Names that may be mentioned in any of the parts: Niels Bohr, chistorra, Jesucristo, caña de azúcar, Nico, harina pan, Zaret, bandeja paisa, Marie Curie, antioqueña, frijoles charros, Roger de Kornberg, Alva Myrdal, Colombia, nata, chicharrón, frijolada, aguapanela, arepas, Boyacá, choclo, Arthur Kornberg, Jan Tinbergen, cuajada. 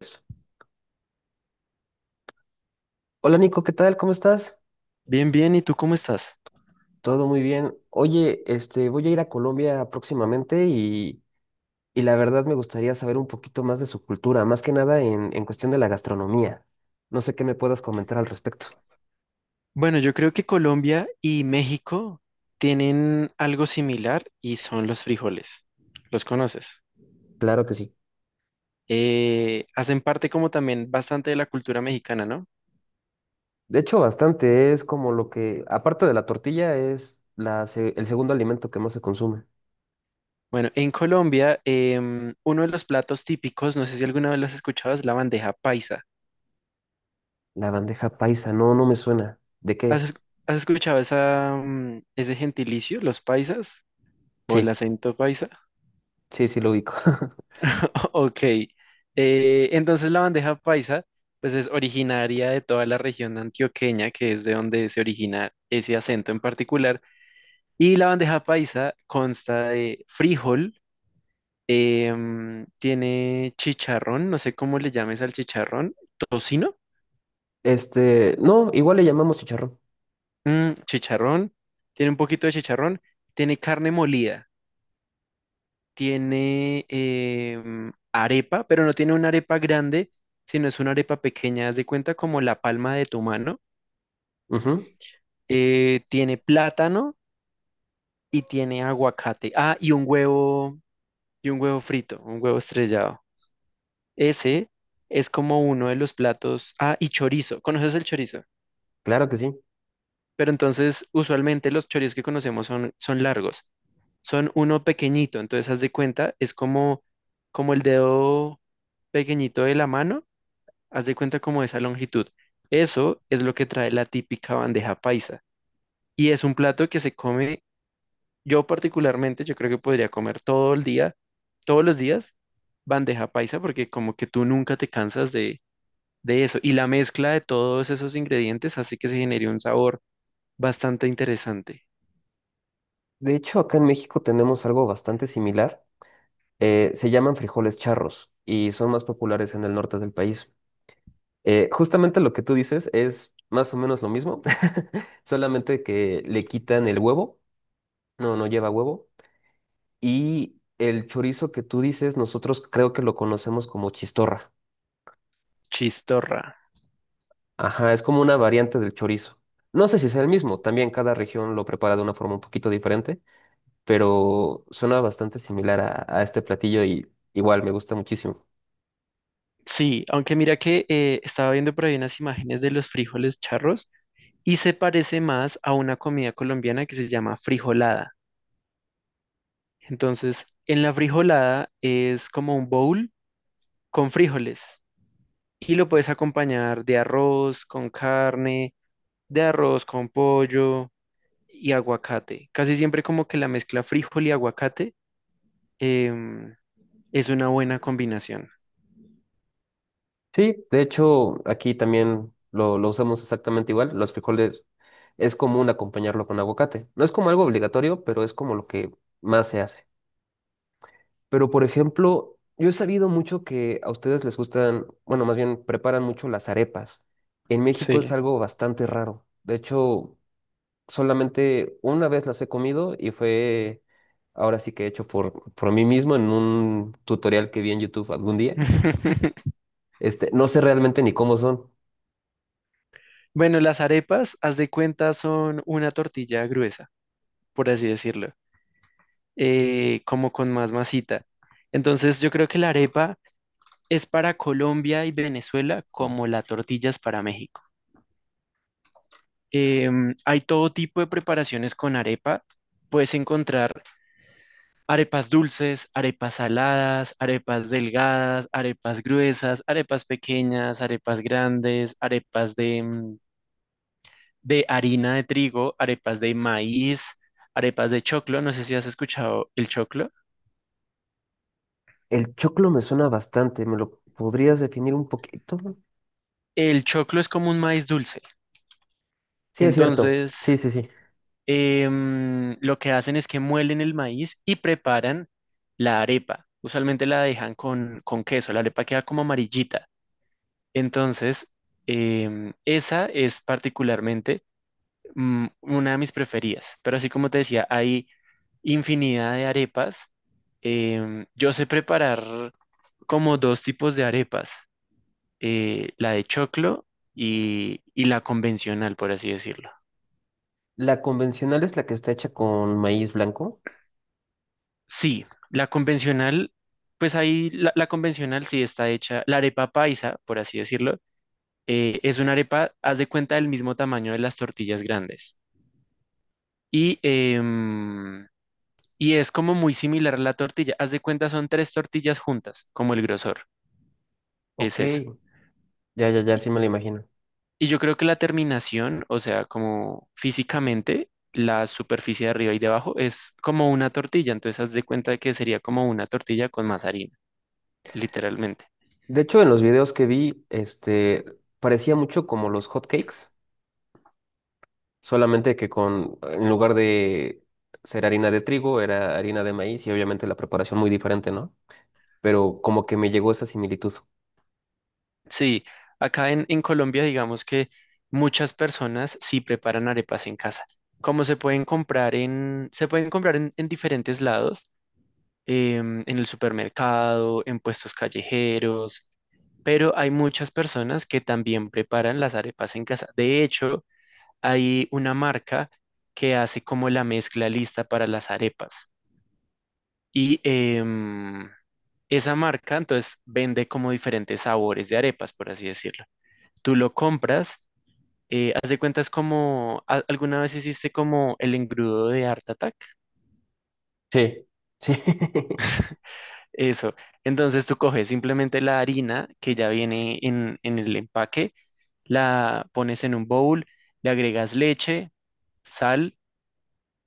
Eso. Hola Nico, ¿qué tal? ¿Cómo estás? Bien, bien, ¿y tú cómo estás? Todo muy bien. Oye, este, voy a ir a Colombia próximamente y la verdad me gustaría saber un poquito más de su cultura, más que nada en cuestión de la gastronomía. No sé qué me puedas comentar al respecto. Bueno, yo creo que Colombia y México tienen algo similar y son los frijoles. ¿Los conoces? Claro que sí. Hacen parte como también bastante de la cultura mexicana, ¿no? De hecho, bastante es como lo que, aparte de la tortilla, es el segundo alimento que más se consume. Bueno, en Colombia, uno de los platos típicos, no sé si alguna vez lo has escuchado, es la bandeja paisa. La bandeja paisa, no, no me suena. ¿De qué ¿Has, es- es? Has escuchado esa, ese gentilicio, los paisas o el Sí, acento paisa? sí, sí lo ubico. Ok, entonces la bandeja paisa pues es originaria de toda la región antioqueña, que es de donde se origina ese acento en particular. Y la bandeja paisa consta de frijol, tiene chicharrón, no sé cómo le llames al chicharrón, tocino, Este, no, igual le llamamos chicharrón. mm, chicharrón, tiene un poquito de chicharrón, tiene carne molida, tiene arepa, pero no tiene una arepa grande, sino es una arepa pequeña, haz de cuenta como la palma de tu mano. Ujú, Tiene plátano y tiene aguacate. Ah, y un huevo frito, un huevo estrellado. Ese es como uno de los platos. Ah, y chorizo. ¿Conoces el chorizo? claro que sí. Pero entonces, usualmente los chorizos que conocemos son largos. Son uno pequeñito, entonces haz de cuenta, como el dedo pequeñito de la mano, haz de cuenta como esa longitud. Eso es lo que trae la típica bandeja paisa. Y es un plato que se come. Yo particularmente, yo creo que podría comer todo el día, todos los días, bandeja paisa, porque como que tú nunca te cansas de eso. Y la mezcla de todos esos ingredientes hace que se genere un sabor bastante interesante. De hecho, acá en México tenemos algo bastante similar. Se llaman frijoles charros y son más populares en el norte del país. Justamente lo que tú dices es más o menos lo mismo, solamente que le quitan el huevo, no, no lleva huevo. Y el chorizo que tú dices, nosotros creo que lo conocemos como chistorra. Chistorra. Ajá, es como una variante del chorizo. No sé si sea el mismo, también cada región lo prepara de una forma un poquito diferente, pero suena bastante similar a este platillo y igual me gusta muchísimo. Sí, aunque mira que estaba viendo por ahí unas imágenes de los frijoles charros y se parece más a una comida colombiana que se llama frijolada. Entonces, en la frijolada es como un bowl con frijoles. Y lo puedes acompañar de arroz con carne, de arroz con pollo y aguacate. Casi siempre como que la mezcla frijol y aguacate em, es una buena combinación. Sí, de hecho, aquí también lo usamos exactamente igual. Los frijoles es común acompañarlo con aguacate. No es como algo obligatorio, pero es como lo que más se hace. Pero, por ejemplo, yo he sabido mucho que a ustedes les gustan, bueno, más bien preparan mucho las arepas. En México es Sí. algo bastante raro. De hecho, solamente una vez las he comido y fue ahora sí que hecho por mí mismo en un tutorial que vi en YouTube algún día. Este, no sé realmente ni cómo son. Bueno, las arepas, haz de cuenta, son una tortilla gruesa, por así decirlo. Como con más masita. Entonces yo creo que la arepa es para Colombia y Venezuela como la tortilla es para México. Em, hay todo tipo de preparaciones con arepa. Puedes encontrar arepas dulces, arepas saladas, arepas delgadas, arepas gruesas, arepas pequeñas, arepas grandes, arepas de harina de trigo, arepas de maíz, arepas de choclo. No sé si has escuchado el choclo. El choclo me suena bastante, ¿me lo podrías definir un poquito? El choclo es como un maíz dulce. Sí, es cierto. Entonces, Sí, sí, sí. Lo que hacen es que muelen el maíz y preparan la arepa. Usualmente la dejan con queso, la arepa queda como amarillita. Entonces, esa es particularmente una de mis preferidas. Pero así como te decía, hay infinidad de arepas. Em, yo sé preparar como dos tipos de arepas, la de choclo y la convencional, por así decirlo. La convencional es la que está hecha con maíz blanco. Sí, la convencional, pues ahí la convencional sí está hecha, la arepa paisa, por así decirlo, es una arepa, haz de cuenta, del mismo tamaño de las tortillas grandes. Y, y es como muy similar a la tortilla, haz de cuenta, son tres tortillas juntas, como el grosor, Ok, es eso. ya, ya, ya, Y, sí me la imagino. y yo creo que la terminación, o sea, como físicamente, la superficie de arriba y de abajo es como una tortilla, entonces haz de cuenta que sería como una tortilla con más harina, literalmente. De hecho, en los videos que vi, este, parecía mucho como los hot cakes, solamente que con, en lugar de ser harina de trigo, era harina de maíz y obviamente la preparación muy diferente, ¿no? Pero como que me llegó esa similitud. Sí, acá en Colombia digamos que muchas personas sí preparan arepas en casa. Como se pueden comprar en diferentes lados, en el supermercado, en puestos callejeros, pero hay muchas personas que también preparan las arepas en casa. De hecho, hay una marca que hace como la mezcla lista para las arepas. Y esa marca entonces vende como diferentes sabores de arepas, por así decirlo. Tú lo compras. Haz de cuenta es como, ¿alguna vez hiciste como el engrudo de Art Attack? Sí, sí. Eso. Entonces tú coges simplemente la harina que ya viene en el empaque, la pones en un bowl, le agregas leche, sal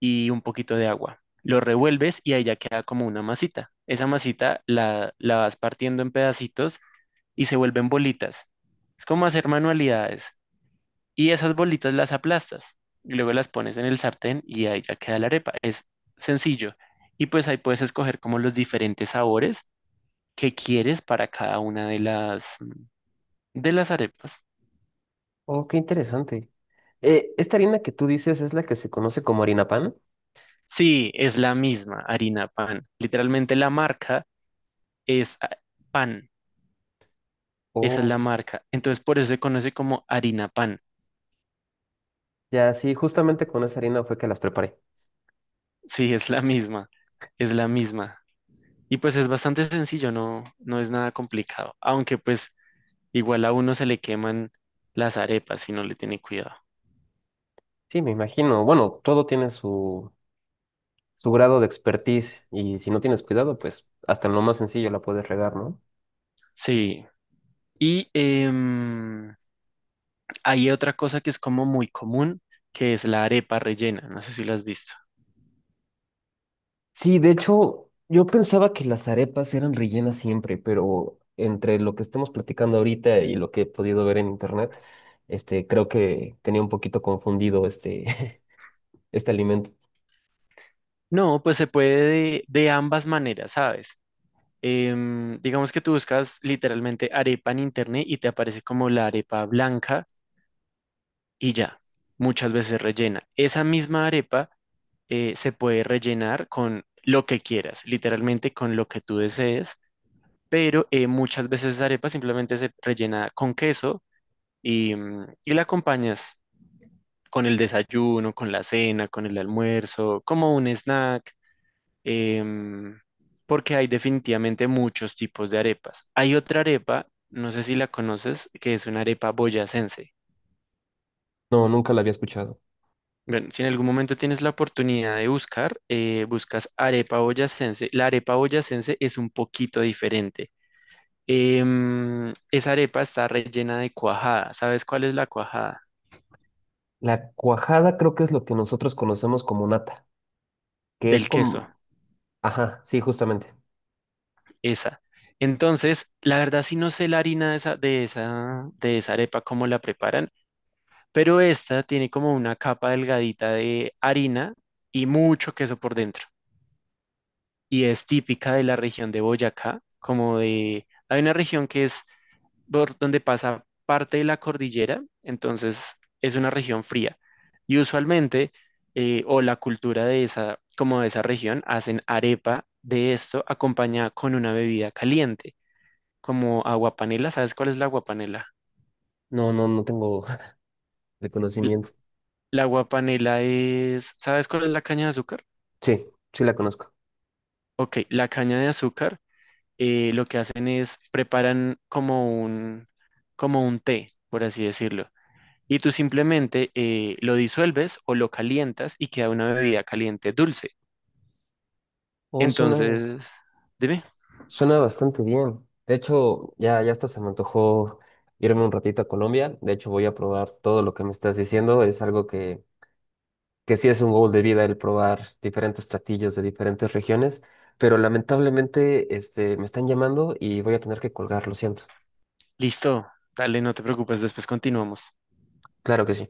y un poquito de agua. Lo revuelves y ahí ya queda como una masita. Esa masita la vas partiendo en pedacitos y se vuelven bolitas. Es como hacer manualidades. Y esas bolitas las aplastas y luego las pones en el sartén y ahí ya queda la arepa. Es sencillo. Y pues ahí puedes escoger como los diferentes sabores que quieres para cada una de las arepas. Oh, qué interesante. ¿Esta harina que tú dices es la que se conoce como harina pan? Sí, es la misma harina pan. Literalmente la marca es pan. Esa es la Oh, marca. Entonces por eso se conoce como harina pan. ya, sí, justamente con esa harina fue que las preparé. Sí, es la misma. Es la misma. Y pues es bastante sencillo, no, no es nada complicado. Aunque pues igual a uno se le queman las arepas si no le tiene cuidado. Sí, me imagino. Bueno, todo tiene su, su grado de expertise y si no tienes cuidado, pues hasta en lo más sencillo la puedes regar, ¿no? Sí. Y hay otra cosa que es como muy común, que es la arepa rellena. No sé si la has visto. Sí, de hecho, yo pensaba que las arepas eran rellenas siempre, pero entre lo que estamos platicando ahorita y lo que he podido ver en internet, este, creo que tenía un poquito confundido este, este alimento. No, pues se puede de ambas maneras, ¿sabes? Em, digamos que tú buscas literalmente arepa en internet y te aparece como la arepa blanca y ya, muchas veces rellena. Esa misma arepa se puede rellenar con lo que quieras, literalmente con lo que tú desees. Pero muchas veces esa arepa simplemente se rellena con queso y y la acompañas con el desayuno, con la cena, con el almuerzo, como un snack, em, porque hay definitivamente muchos tipos de arepas. Hay otra arepa, no sé si la conoces, que es una arepa boyacense. No, nunca la había escuchado. Bueno, si en algún momento tienes la oportunidad de buscar, buscas arepa boyacense. La arepa boyacense es un poquito diferente. Em, esa arepa está rellena de cuajada. ¿Sabes cuál es la cuajada? La cuajada creo que es lo que nosotros conocemos como nata, que es Del queso, como... Ajá, sí, justamente. esa. Entonces, la verdad sí no sé la harina de esa, de esa arepa, cómo la preparan, pero esta tiene como una capa delgadita de harina y mucho queso por dentro. Y es típica de la región de Boyacá, como de, hay una región que es por donde pasa parte de la cordillera, entonces es una región fría. Y usualmente, o la cultura de esa, como de esa región, hacen arepa de esto acompañada con una bebida caliente, como aguapanela. ¿Sabes cuál es la aguapanela? No, no, no tengo L- reconocimiento. La aguapanela es, ¿sabes cuál es la caña de azúcar? Sí, sí la conozco. Ok, la caña de azúcar lo que hacen es preparan como un té, por así decirlo. Y tú simplemente lo disuelves o lo calientas y queda una bebida caliente dulce. Oh, suena, Entonces, dime, suena bastante bien. De hecho, ya, ya hasta se me antojó irme un ratito a Colombia. De hecho, voy a probar todo lo que me estás diciendo. Es algo que sí es un goal de vida el probar diferentes platillos de diferentes regiones. Pero lamentablemente, este, me están llamando y voy a tener que colgar, lo siento. listo, dale, no te preocupes, después continuamos. Claro que sí.